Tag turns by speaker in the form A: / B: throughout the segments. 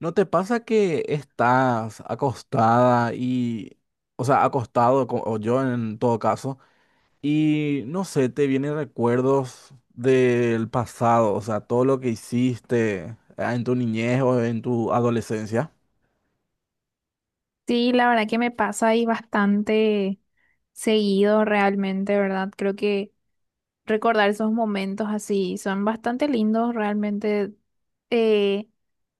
A: ¿No te pasa que estás acostada y, o sea, acostado, o yo en todo caso, y no sé, te vienen recuerdos del pasado, o sea, todo lo que hiciste en tu niñez o en tu adolescencia?
B: Sí, la verdad que me pasa ahí bastante seguido realmente, ¿verdad? Creo que recordar esos momentos así son bastante lindos realmente. Eh,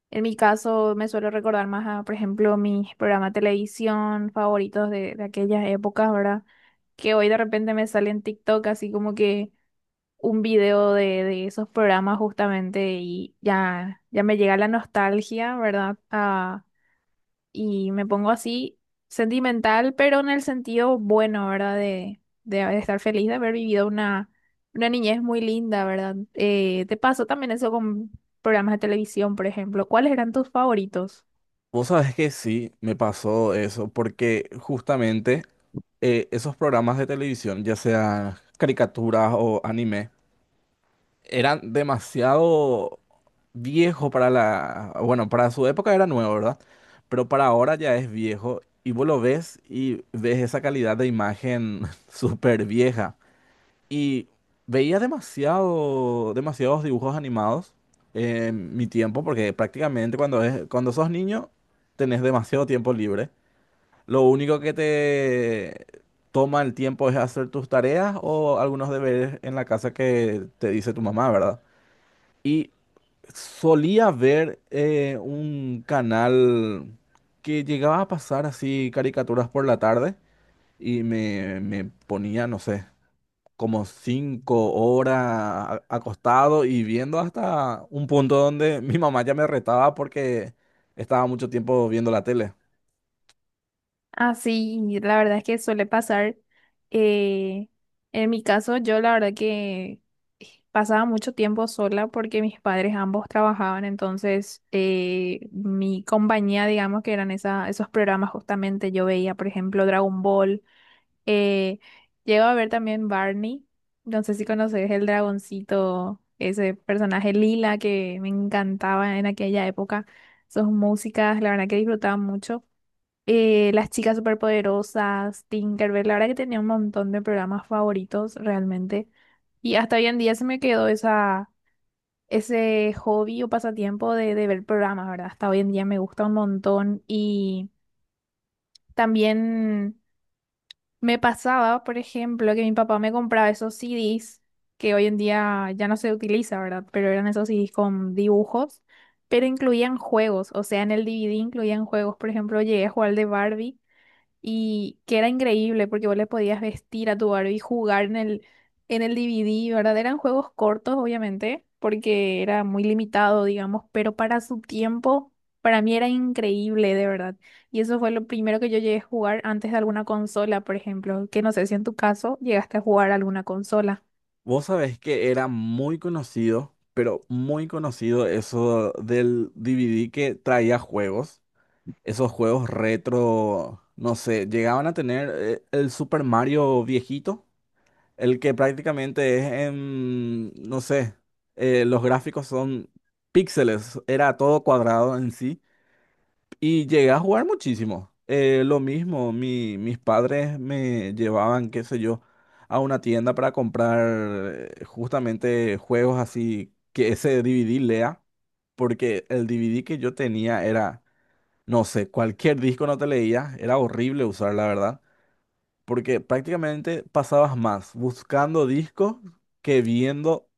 B: en mi caso me suelo recordar más a, por ejemplo, mis programas de televisión favoritos de aquellas épocas, ¿verdad? Que hoy de repente me sale en TikTok así como que un video de esos programas justamente y ya me llega la nostalgia, ¿verdad? Y me pongo así sentimental, pero en el sentido bueno, ¿verdad? De estar feliz de haber vivido una niñez muy linda, ¿verdad? ¿Te pasó también eso con programas de televisión, por ejemplo? ¿Cuáles eran tus favoritos?
A: Vos sabés que sí, me pasó eso, porque justamente esos programas de televisión, ya sean caricaturas o anime, era demasiado viejo para la, bueno, para su época era nuevo, ¿verdad? Pero para ahora ya es viejo y vos lo ves y ves esa calidad de imagen súper vieja. Y veía demasiado, demasiados dibujos animados en mi tiempo, porque prácticamente cuando es, cuando sos niño tenés demasiado tiempo libre. Lo único que te toma el tiempo es hacer tus tareas o algunos deberes en la casa que te dice tu mamá, ¿verdad? Y solía ver un canal que llegaba a pasar así caricaturas por la tarde y me ponía, no sé, como 5 horas acostado y viendo hasta un punto donde mi mamá ya me retaba porque estaba mucho tiempo viendo la tele.
B: Ah, sí, la verdad es que suele pasar. eh, en mi caso, yo la verdad que pasaba mucho tiempo sola porque mis padres ambos trabajaban, entonces mi compañía, digamos que esos programas justamente, yo veía, por ejemplo, Dragon Ball, eh, llego a ver también Barney, no sé si conoces el dragoncito, ese personaje lila que me encantaba en aquella época, sus músicas, la verdad que disfrutaba mucho, Las chicas superpoderosas, Tinkerbell, la verdad que tenía un montón de programas favoritos realmente. Y hasta hoy en día se me quedó ese hobby o pasatiempo de ver programas, ¿verdad? Hasta hoy en día me gusta un montón. Y también me pasaba, por ejemplo, que mi papá me compraba esos CDs que hoy en día ya no se utiliza, ¿verdad? Pero eran esos CDs con dibujos, pero incluían juegos. O sea, en el DVD incluían juegos. Por ejemplo, llegué a jugar al de Barbie y que era increíble porque vos le podías vestir a tu Barbie y jugar en el DVD, ¿verdad? Eran juegos cortos, obviamente, porque era muy limitado, digamos, pero para su tiempo, para mí era increíble, de verdad. Y eso fue lo primero que yo llegué a jugar antes de alguna consola, por ejemplo, que no sé si en tu caso llegaste a jugar alguna consola.
A: Vos sabés que era muy conocido, pero muy conocido eso del DVD que traía juegos. Esos juegos retro, no sé, llegaban a tener el Super Mario viejito, el que prácticamente es en, no sé, los gráficos son píxeles, era todo cuadrado en sí, y llegué a jugar muchísimo. Lo mismo, mis padres me llevaban, qué sé yo, a una tienda para comprar justamente juegos así que ese DVD lea, porque el DVD que yo tenía era... No sé, cualquier disco no te leía, era horrible usar, la verdad, porque prácticamente pasabas más buscando discos que viendo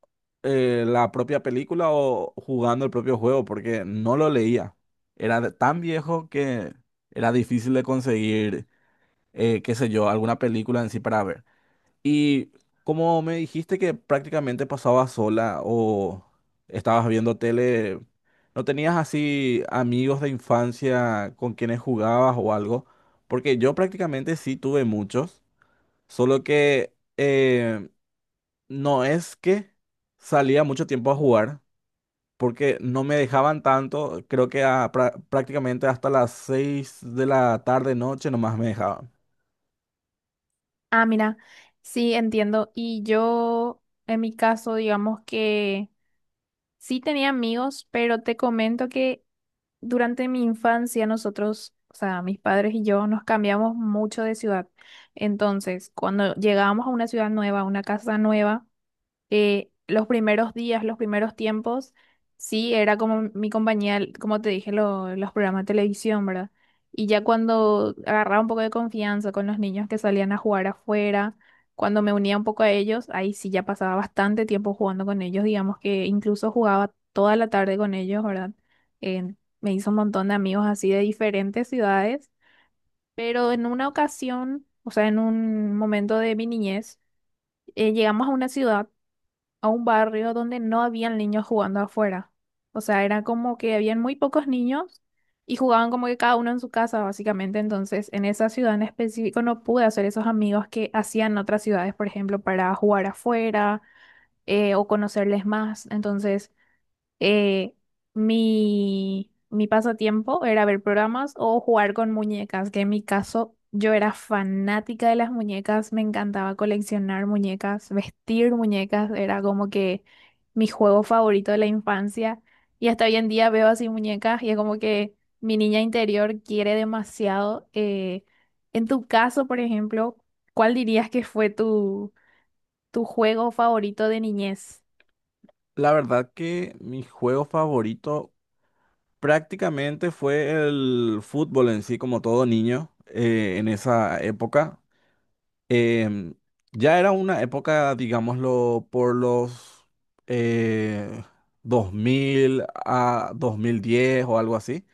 A: la propia película o jugando el propio juego, porque no lo leía. Era tan viejo que era difícil de conseguir, qué sé yo, alguna película en sí para ver. Y como me dijiste que prácticamente pasabas sola o estabas viendo tele, ¿no tenías así amigos de infancia con quienes jugabas o algo? Porque yo prácticamente sí tuve muchos, solo que no es que salía mucho tiempo a jugar, porque no me dejaban tanto, creo que prácticamente hasta las 6 de la tarde, noche nomás me dejaban.
B: Ah, mira, sí, entiendo. Y yo, en mi caso, digamos que sí tenía amigos, pero te comento que durante mi infancia nosotros, o sea, mis padres y yo nos cambiamos mucho de ciudad. Entonces, cuando llegábamos a una ciudad nueva, a una casa nueva, los primeros días, los primeros tiempos, sí, era como mi compañía, como te dije, los programas de televisión, ¿verdad? Y ya cuando agarraba un poco de confianza con los niños que salían a jugar afuera, cuando me unía un poco a ellos, ahí sí ya pasaba bastante tiempo jugando con ellos, digamos que incluso jugaba toda la tarde con ellos, ¿verdad? Eh, Me hizo un montón de amigos así de diferentes ciudades, pero en una ocasión, o sea, en un momento de mi niñez, llegamos a una ciudad, a un barrio donde no habían niños jugando afuera. O sea, era como que habían muy pocos niños y jugaban como que cada uno en su casa, básicamente. Entonces, en esa ciudad en específico no pude hacer esos amigos que hacían en otras ciudades, por ejemplo, para jugar afuera, o conocerles más. Entonces, eh, mi pasatiempo era ver programas o jugar con muñecas, que en mi caso yo era fanática de las muñecas, me encantaba coleccionar muñecas, vestir muñecas, era como que mi juego favorito de la infancia y hasta hoy en día veo así muñecas y es como que mi niña interior quiere demasiado. En tu caso, por ejemplo, ¿cuál dirías que fue tu juego favorito de niñez?
A: La verdad que mi juego favorito prácticamente fue el fútbol en sí, como todo niño, en esa época. Em, ya era una época, digámoslo, por los eh, 2000 a 2010 o algo así,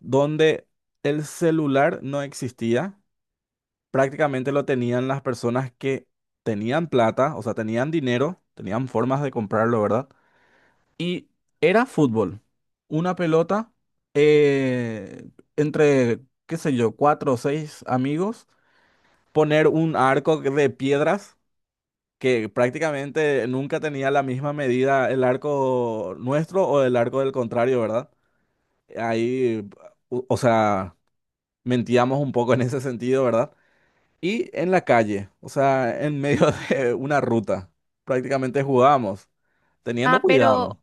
A: donde el celular no existía. Prácticamente lo tenían las personas que tenían plata, o sea, tenían dinero, tenían formas de comprarlo, ¿verdad? Y era fútbol. Una pelota eh, entre, qué sé yo, cuatro o seis amigos, poner un arco de piedras que prácticamente nunca tenía la misma medida el arco nuestro o el arco del contrario, ¿verdad? Ahí, o sea, mentíamos un poco en ese sentido, ¿verdad? Y en la calle, o sea, en medio de una ruta, prácticamente jugábamos, teniendo
B: Ah,
A: cuidado.
B: pero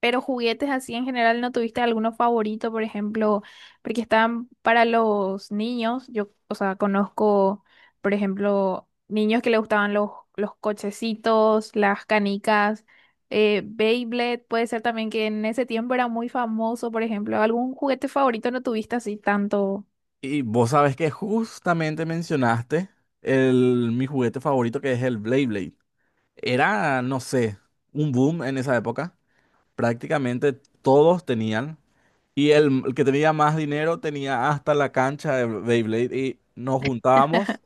B: Pero juguetes así en general, ¿no tuviste alguno favorito, por ejemplo? Porque están para los niños. Yo, o sea, conozco, por ejemplo, niños que le gustaban los cochecitos, las canicas, Beyblade. Puede ser también que en ese tiempo era muy famoso, por ejemplo. ¿Algún juguete favorito no tuviste así tanto?
A: Y vos sabes que justamente mencionaste mi juguete favorito que es el Blade Blade. Era, no sé, un boom en esa época. Prácticamente todos tenían. Y el que tenía más dinero tenía hasta la cancha de Beyblade y nos juntábamos.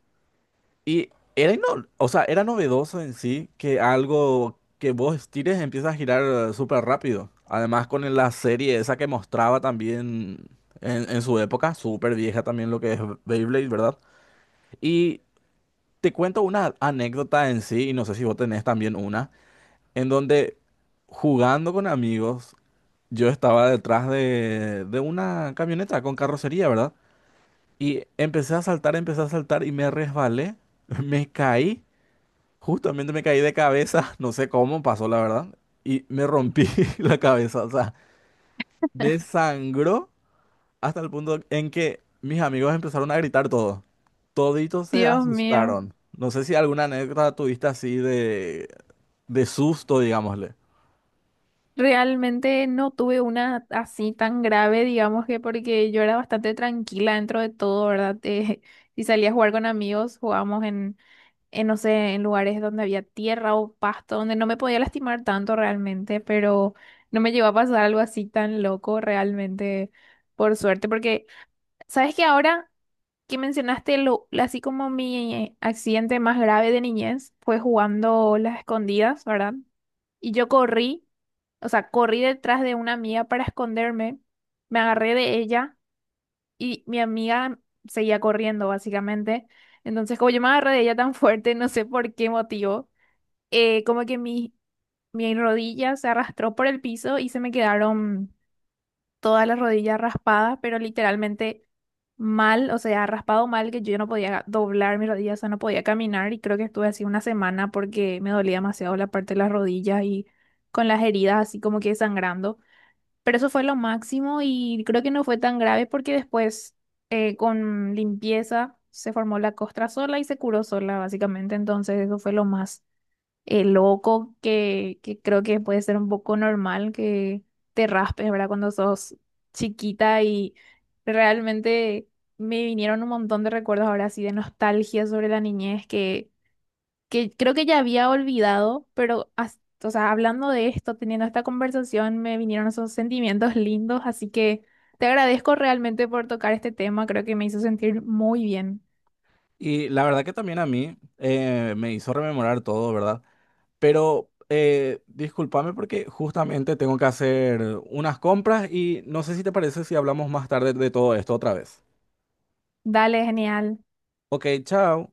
A: Y era, o sea, era novedoso en sí que algo que vos tires empieza a girar súper rápido. Además con la serie esa que mostraba también en su época, súper vieja también lo que es Beyblade, ¿verdad? Y te cuento una anécdota en sí, y no sé si vos tenés también una, en donde jugando con amigos, yo estaba detrás de una camioneta con carrocería, ¿verdad? Y empecé a saltar y me resbalé, me caí, justamente me caí de cabeza, no sé cómo pasó la verdad, y me rompí la cabeza, o sea, me sangró hasta el punto en que mis amigos empezaron a gritar todo. Toditos se
B: Dios mío.
A: asustaron. No sé si alguna anécdota tuviste así de susto, digámosle.
B: Realmente no tuve una así tan grave, digamos que porque yo era bastante tranquila dentro de todo, ¿verdad? Si salía a jugar con amigos, jugábamos no sé, en lugares donde había tierra o pasto, donde no me podía lastimar tanto realmente, pero no me llegó a pasar algo así tan loco realmente, por suerte. Porque ¿Sabes que ahora que mencionaste lo, así como mi accidente más grave de niñez fue jugando las escondidas, ¿verdad? Y yo corrí, o sea, corrí detrás de una amiga para esconderme, me agarré de ella y mi amiga seguía corriendo, básicamente. Entonces, como yo me agarré de ella tan fuerte, no sé por qué motivo, como que mi rodilla se arrastró por el piso y se me quedaron toda la rodilla raspada, pero literalmente mal, o sea, raspado mal que yo no podía doblar mi rodilla, o sea, no podía caminar y creo que estuve así una semana porque me dolía demasiado la parte de las rodillas y con las heridas así como que sangrando. Pero eso fue lo máximo y creo que no fue tan grave porque después, con limpieza se formó la costra sola y se curó sola, básicamente. Entonces eso fue lo más, loco, que creo que puede ser un poco normal que te raspes, ¿verdad? Cuando sos chiquita y realmente me vinieron un montón de recuerdos ahora así de nostalgia sobre la niñez que creo que ya había olvidado, pero o sea, hablando de esto, teniendo esta conversación, me vinieron esos sentimientos lindos, así que te agradezco realmente por tocar este tema, creo que me hizo sentir muy bien.
A: Y la verdad que también a mí me hizo rememorar todo, ¿verdad? Pero discúlpame porque justamente tengo que hacer unas compras y no sé si te parece si hablamos más tarde de todo esto otra vez.
B: Dale, genial.
A: Ok, chao.